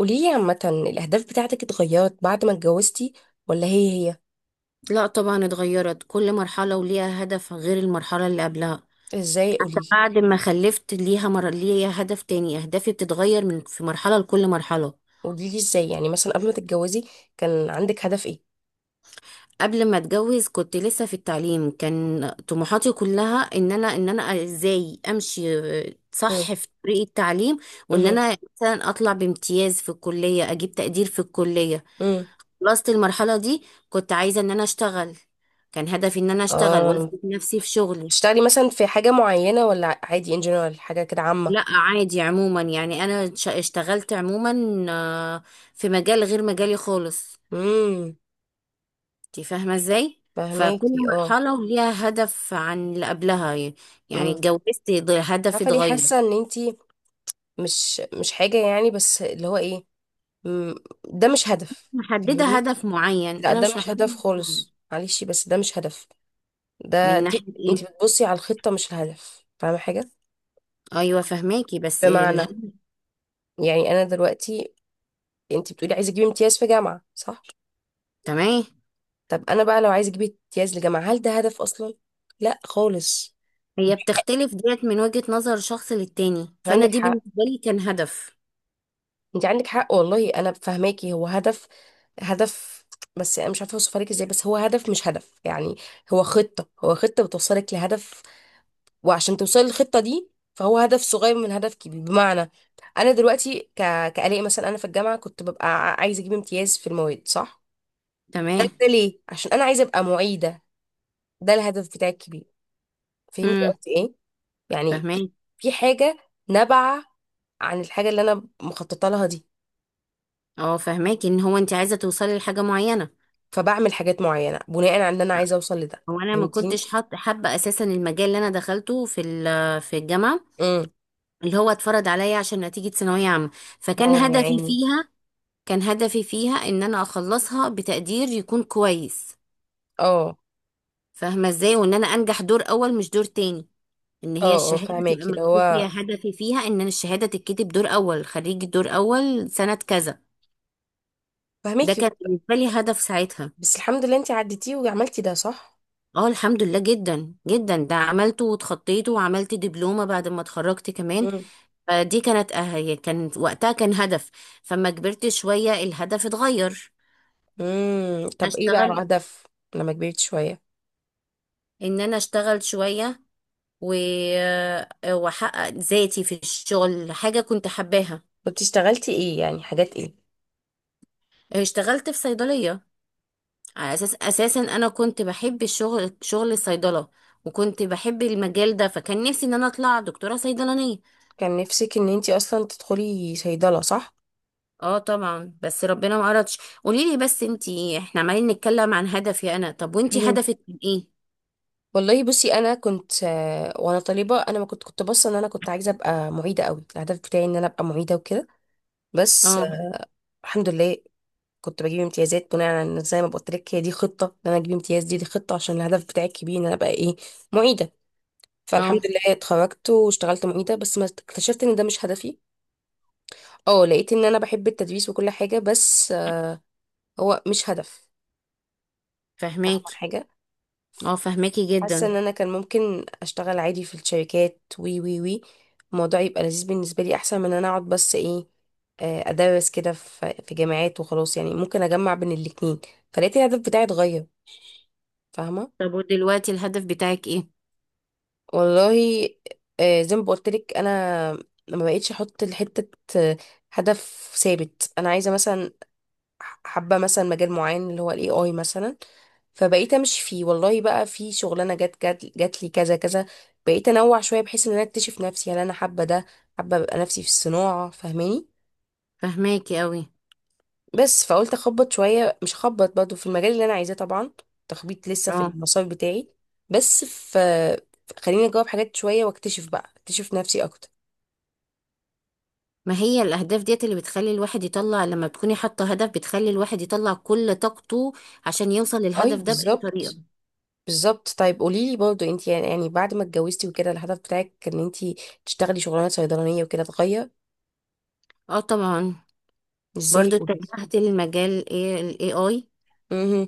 قوليلي عامة الأهداف بتاعتك اتغيرت بعد ما اتجوزتي، ولا هي هي؟ لا طبعا اتغيرت، كل مرحلة وليها هدف غير المرحلة اللي قبلها. ازاي؟ حتى قوليلي. بعد ما خلفت ليها هدف تاني، أهدافي بتتغير من في مرحلة لكل مرحلة. قوليلي ازاي، يعني مثلا قبل ما تتجوزي كان عندك هدف ايه؟ قبل ما اتجوز كنت لسه في التعليم، كان طموحاتي كلها ان انا ازاي امشي مم. صح في طريق التعليم، وان مم. انا مثلا اطلع بامتياز في الكلية، اجيب تقدير في الكلية. مم. خلصت المرحلة دي، كنت عايزة ان انا اشتغل. كان هدفي ان انا اشتغل اه، واثبت نفسي في شغلي. تشتغلي مثلا في حاجة معينة ولا عادي in general حاجة كده عامة؟ لا عادي عموما، يعني انا اشتغلت عموما، آه، في مجال غير مجالي خالص. امم. انت فاهمه ازاي. فكل فهماكي اه. مرحله وليها هدف عن اللي قبلها، يعني امم. اتجوزت، هدفي عارفة ليه اتغير. حاسة ان انتي مش حاجة، يعني بس اللي هو ايه؟ مم. ده مش هدف. محدده فاهماني؟ هدف معين، لا، انا ده مش مش محدده هدف هدف معين. خالص، معلش، بس ده مش هدف. من دي ناحيه انت ايه؟ بتبصي على الخطة مش الهدف. فاهمة حاجة؟ ايوه فهماكي بس بمعنى الهدف. يعني انا دلوقتي، انت بتقولي عايزة اجيب امتياز في جامعة، صح؟ تمام. طب انا بقى لو عايزة اجيب امتياز لجامعة هل ده هدف اصلا؟ لا خالص. هي بتختلف ديت من وجهه نظر شخص للتاني، فانا عندك دي حق، بالنسبه لي كان هدف. انت عندك حق والله، انا فاهماكي، هو هدف، هدف. بس انا مش عارفة اوصفها لك ازاي، بس هو هدف مش هدف يعني. هو خطة، هو خطة بتوصلك لهدف. وعشان توصلي للخطة دي فهو هدف صغير من هدف كبير. بمعنى انا دلوقتي كآلاء مثلا، انا في الجامعة كنت ببقى عايزة اجيب امتياز في المواد، صح؟ ده تمام. ده ليه؟ عشان انا عايزة ابقى معيدة. ده الهدف بتاعي الكبير. فهمتي امم قصدي ايه؟ يعني في فهماكي. في حاجة نابعة عن الحاجة اللي انا مخططة لها دي. اه فهماكي ان هو انت عايزه توصلي لحاجه معينه. فبعمل حاجات معينة بناء على ان انا عايزة اوصل لده. هو انا ما فهمتيني؟ كنتش حاط حابه اساسا المجال اللي انا دخلته في الجامعه، امم. اللي هو اتفرض عليا عشان نتيجه ثانويه عامه. فكان اه، يا هدفي عيني. فيها كان هدفي فيها ان انا اخلصها بتقدير يكون كويس. اه، فاهمه ازاي، وان انا انجح دور اول مش دور تاني. ان هي اه، اه، الشهاده تبقى فهماكي اللي مكتوب هو فيها هدفي فيها ان أنا الشهاده تتكتب دور اول، خريج دور اول سنه كذا. ده فهماكي. كان بالنسبه لي هدف ساعتها. بس الحمد لله انت عديتيه وعملتي ده، صح؟ اه الحمد لله جدا جدا، ده عملته واتخطيته، وعملت دبلومه بعد ما اتخرجت كمان. مم. فدي كانت هي كان وقتها كان هدف. فما كبرت شوية الهدف اتغير. امم. طب ايه بقى اشتغل، الهدف لما كبرت شوية؟ ان انا اشتغل شوية و... واحقق ذاتي في الشغل، حاجة كنت حباها. كنت اشتغلتي ايه، يعني حاجات ايه؟ اشتغلت في صيدلية، على اساس اساسا انا كنت بحب الشغل، شغل الصيدلة، وكنت بحب المجال ده. فكان نفسي ان انا اطلع دكتورة صيدلانية. كان نفسك ان انتي اصلا تدخلي صيدلة، صح؟ اه طبعا بس ربنا ما اردش. قولي لي بس انتي، احنا عمالين نتكلم عن هدفي انا، طب وانتي مهم. هدفك كان ايه؟ والله بصي، انا كنت وانا طالبة، انا ما كنت باصة ان انا كنت عايزة ابقى معيدة قوي. الهدف بتاعي ان انا ابقى معيدة وكده. بس، اه الحمد لله. كنت بجيب امتيازات بناء على إن، زي ما قلت لك، هي دي خطة ان انا اجيب امتياز. دي خطة عشان الهدف بتاعي الكبير ان انا ابقى ايه؟ معيدة. فالحمد اه لله اتخرجت واشتغلت معيدة، بس ما اكتشفت ان ده مش هدفي. اه، لقيت ان انا بحب التدريس وكل حاجة، بس، هو مش هدف. فاهمة فهماكي. حاجة؟ اه فهماكي حاسة جدا. ان انا كان ممكن اشتغل عادي في الشركات وي وي وي، الموضوع يبقى لذيذ بالنسبة لي احسن من ان انا اقعد بس ايه، ادرس كده في جامعات وخلاص. يعني ممكن اجمع بين الاتنين. فلقيت الهدف بتاعي اتغير. فاهمة؟ طب ودلوقتي الهدف بتاعك ايه؟ والله، زي ما بقولتلك، انا ما بقيتش احط لحتة، آه، هدف ثابت. انا عايزة مثلا، حابه مثلا مجال معين اللي هو الاي اي مثلا، فبقيت امشي فيه. والله بقى في شغلانه جت جت جات لي كذا كذا. بقيت انوع شويه بحيث ان انا اكتشف نفسي هل انا حابه ده، حابه ابقى نفسي في الصناعه. فاهماني؟ فهماكي قوي. بس فقلت اخبط شويه، مش اخبط برضه في المجال اللي انا عايزاه طبعا، تخبيط لسه في اه. المسار بتاعي، بس في، خليني اجاوب حاجات شويه واكتشف بقى اكتشف نفسي اكتر. ما هي الاهداف ديت اللي بتخلي الواحد يطلع، لما بتكوني حاطه هدف بتخلي الواحد يطلع كل طاقته عشان يوصل اي، للهدف ده باي طريقه. بالظبط. بالظبط، طيب قولي لي برضه، انت يعني بعد ما اتجوزتي وكده الهدف بتاعك ان انت تشتغلي شغلانه صيدلانيه وكده اتغير؟ اه طبعا. ازاي؟ برضو قولي لي. اتجهت للمجال ايه، الاي اي. امم.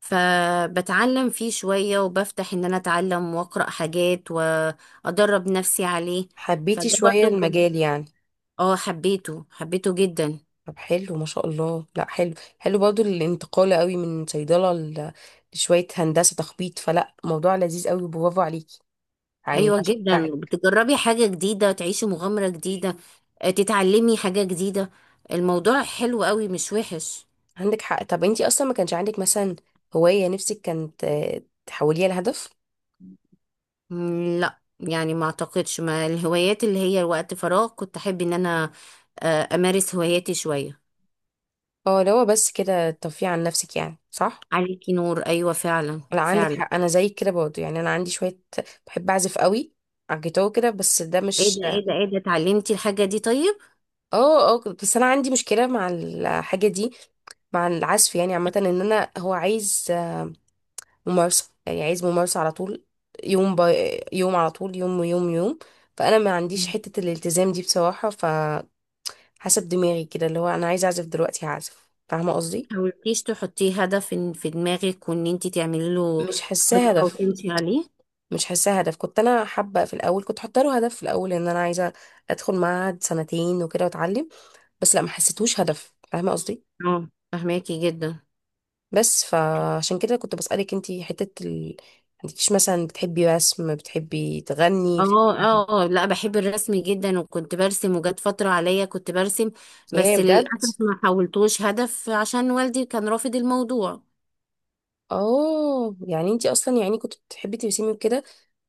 فبتعلم فيه شويه، وبفتح ان انا اتعلم واقرا حاجات وادرب نفسي عليه. حبيتي فده شويه برضو كان المجال يعني؟ اه، حبيته حبيته جدا. طب حلو ما شاء الله، لا حلو، حلو برضه الانتقال قوي من صيدله لشويه هندسه تخبيط، فلا، موضوع لذيذ قوي، برافو عليكي، يعني ايوه جدا، بشجعك. بتجربي حاجه جديده، تعيشي مغامره جديده، تتعلمي حاجه جديده. الموضوع حلو قوي، مش وحش. عندك حق. طب انت اصلا ما كانش عندك مثلا هوايه نفسك كانت، تحوليها لهدف؟ لا يعني ما اعتقدش، ما الهوايات اللي هي وقت فراغ، كنت احب ان انا امارس هواياتي شويه. اه، لو بس كده ترفيه عن نفسك يعني، صح. عليكي نور، ايوه فعلا لا، عندك فعلا. حق، انا زيك كده برضه، يعني انا عندي شويه بحب اعزف قوي على الجيتار كده، بس ده ايه مش. ده ايه ده ايه ده اتعلمتي الحاجه دي طيب؟ اه، اه، بس انا عندي مشكله مع الحاجه دي، مع العزف يعني عامه، ان انا هو عايز ممارسه، يعني عايز ممارسه على طول، يوم يوم على طول، يوم يوم يوم. فانا ما عنديش مم. حته الالتزام دي بصراحه، فحسب دماغي كده، اللي هو انا عايز اعزف دلوقتي هعزف. فاهمه قصدي؟ حاولتيش تحطيه هدف في دماغك، وان انت تعملي له مش حاساه خطه هدف. وتمشي عليه؟ مش حاساه هدف. كنت انا حابه في الاول، كنت حاطه له هدف في الاول ان انا عايزه ادخل معهد سنتين وكده واتعلم. بس لا، ما حسيتهوش هدف. فاهمه قصدي؟ اه فهماكي جدا. بس فعشان كده كنت بسالك انتي حته انتيش مثلا بتحبي رسم، بتحبي تغني، اه بتحبي الحاجات دي؟ اه لا بحب الرسم جدا، وكنت برسم، وجات فترة عليا كنت برسم. ايه، بس بجد؟ للأسف ما حولتوش هدف عشان والدي كان رافض الموضوع. اه، يعني انتي اصلا يعني كنت بتحبي ترسمي وكده،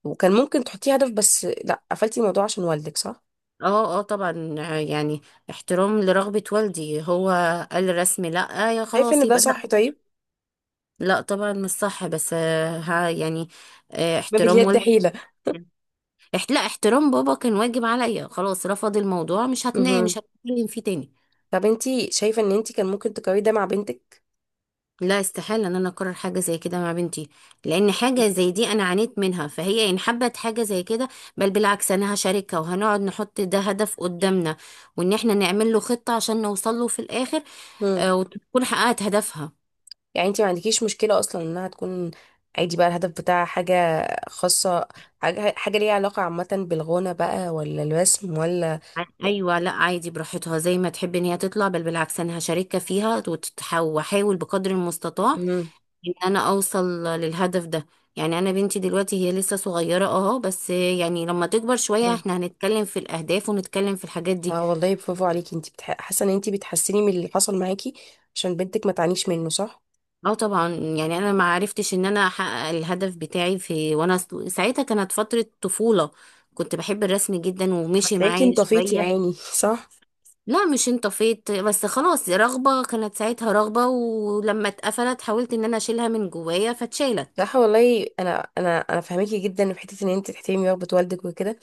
وكان ممكن تحطيه هدف بس لا قفلتي الموضوع عشان والدك، صح؟ اه اه طبعا يعني احترام لرغبة والدي، هو قال الرسم لا، يا شايفه خلاص ان ده يبقى لا. صح؟ طيب. لا طبعا مش صح، بس ها يعني ما احترام باليد والدي. حيله. لا، احترام بابا كان واجب عليا. خلاص رفض الموضوع، مش هتنام مش مهم. هتكلم فيه تاني. طب انتي شايفه ان انتي كان ممكن تقرري ده مع بنتك؟ لا استحالة ان انا اكرر حاجة زي كده مع بنتي، لان حاجة زي دي انا عانيت منها. فهي ان حبت حاجة زي كده، بل بالعكس انا هشاركها، وهنقعد نحط ده هدف قدامنا، وان احنا نعمل له خطة عشان نوصل له في الاخر، مهم. وتكون حققت هدفها. يعني انت ما عندكيش مشكلة اصلا انها تكون عادي بقى، الهدف بتاعها حاجة خاصة، حاجة ليها علاقة عامة بالغنى بقى، ولا الرسم، ولا؟ ايوه لا عادي، براحتها زي ما تحب ان هي تطلع. بل بالعكس انا هشاركها فيها، واحاول بقدر المستطاع مم. ان انا اوصل للهدف ده. يعني انا بنتي دلوقتي هي لسه صغيرة اه، بس يعني لما تكبر شوية مم. احنا هنتكلم في الاهداف ونتكلم في الحاجات دي. اه والله، برافو عليكي، انت حاسة ان انت بتحسني من اللي حصل معاكي عشان بنتك ما تعانيش منه، صح؟ اه طبعا، يعني انا ما عرفتش ان انا احقق الهدف بتاعي في، وانا ساعتها كانت فترة طفولة. كنت بحب الرسم جدا ومشي فتلاقيكي معايا انطفيتي يا شوية. عيني صح. لا مش انطفيت، بس خلاص رغبة كانت ساعتها رغبة، ولما اتقفلت حاولت ان انا اشيلها من جوايا فاتشالت. صح والله، انا فاهماكي جدا في حته ان انت تحترمي رغبه والدك وكده.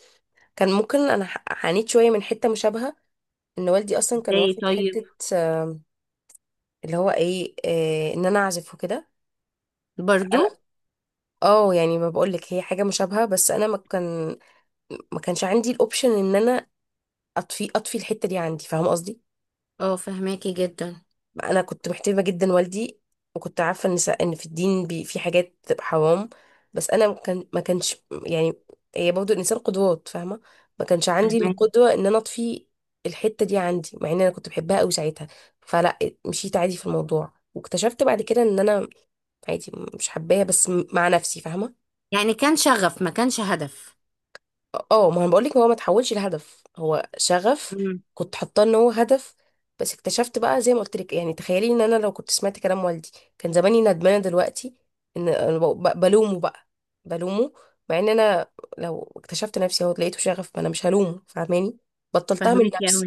كان ممكن انا عانيت شويه من حته مشابهه، ان والدي اصلا كان ازاي واخد طيب؟ حته. آم، اللي هو ايه، ان انا اعزف وكده. برضو. انا، اه يعني ما بقولك، هي حاجه مشابهه، بس انا ما كانش عندي الاوبشن ان انا اطفي الحته دي عندي. فاهمه قصدي؟ اه فهماكي جدا. انا كنت محترمه جدا والدي، وكنت عارفه ان ان في الدين بي في حاجات بتبقى حرام. بس انا ما كانش، يعني، هي برضه الانسان قدوات فاهمه، ما كانش عندي فهماكي. القدوه ان انا اطفي الحته دي عندي، مع ان انا كنت بحبها قوي ساعتها. فلا، مشيت عادي في الموضوع، واكتشفت بعد كده ان انا عادي مش حباها بس مع نفسي. فاهمه؟ يعني كان شغف ما كانش هدف. اه، ما انا بقولك هو ما تحولش لهدف، هو شغف. امم. كنت حاطاه ان هو هدف، بس اكتشفت بقى. زي ما قلت لك يعني، تخيلي ان انا لو كنت سمعت كلام والدي كان زماني ندمانه دلوقتي، ان انا بلومه بقى، بلومه، مع ان انا لو اكتشفت نفسي اهو لقيته شغف، ما انا مش هلومه. فاهماني؟ بطلتها من فهماكي نفسي.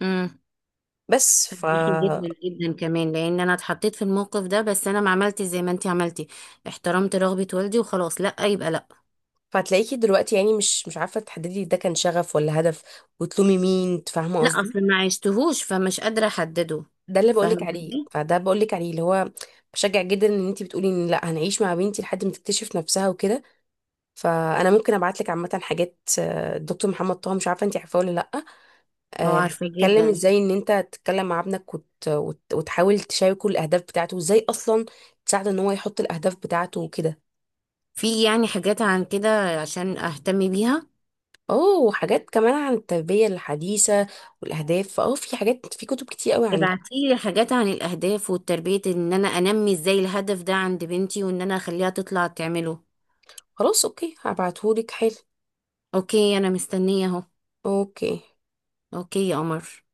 قوي. بس جدا جدا كمان، لان انا اتحطيت في الموقف ده، بس انا ما عملتش زي ما انت عملتي. احترمت رغبة والدي وخلاص، لا يبقى لا. فهتلاقيكي دلوقتي يعني مش عارفه تحددي ده كان شغف ولا هدف، وتلومي مين. فاهمه لا قصدي؟ اصل ما عشتهوش، فمش قادرة احدده. ده اللي بقولك فاهمة عليه، ازاي؟ فده بقولك عليه اللي هو بشجع جدا ان انتي بتقولي ان لا هنعيش مع بنتي لحد ما تكتشف نفسها وكده. فانا ممكن ابعت لك عامه حاجات، الدكتور محمد طه مش عارفه انتي عارفاه ولا لا، اه عارفة بيتكلم جدا. ازاي ان انت تتكلم مع ابنك وتحاول تشاركه الاهداف بتاعته وازاي اصلا تساعده ان هو يحط الاهداف بتاعته وكده. في يعني حاجات عن كده عشان اهتم بيها. اوه، وحاجات كمان عن التربيه الحديثه والاهداف، اه، في حاجات في كتب كتير قوي عندها. ابعتيلي حاجات عن الاهداف والتربية، ان انا انمي ازاي الهدف ده عند بنتي، وان انا اخليها تطلع تعمله. خلاص، اوكي، هبعتهولك. حلو. اوكي انا مستنية اهو. اوكي. اوكي يا قمر.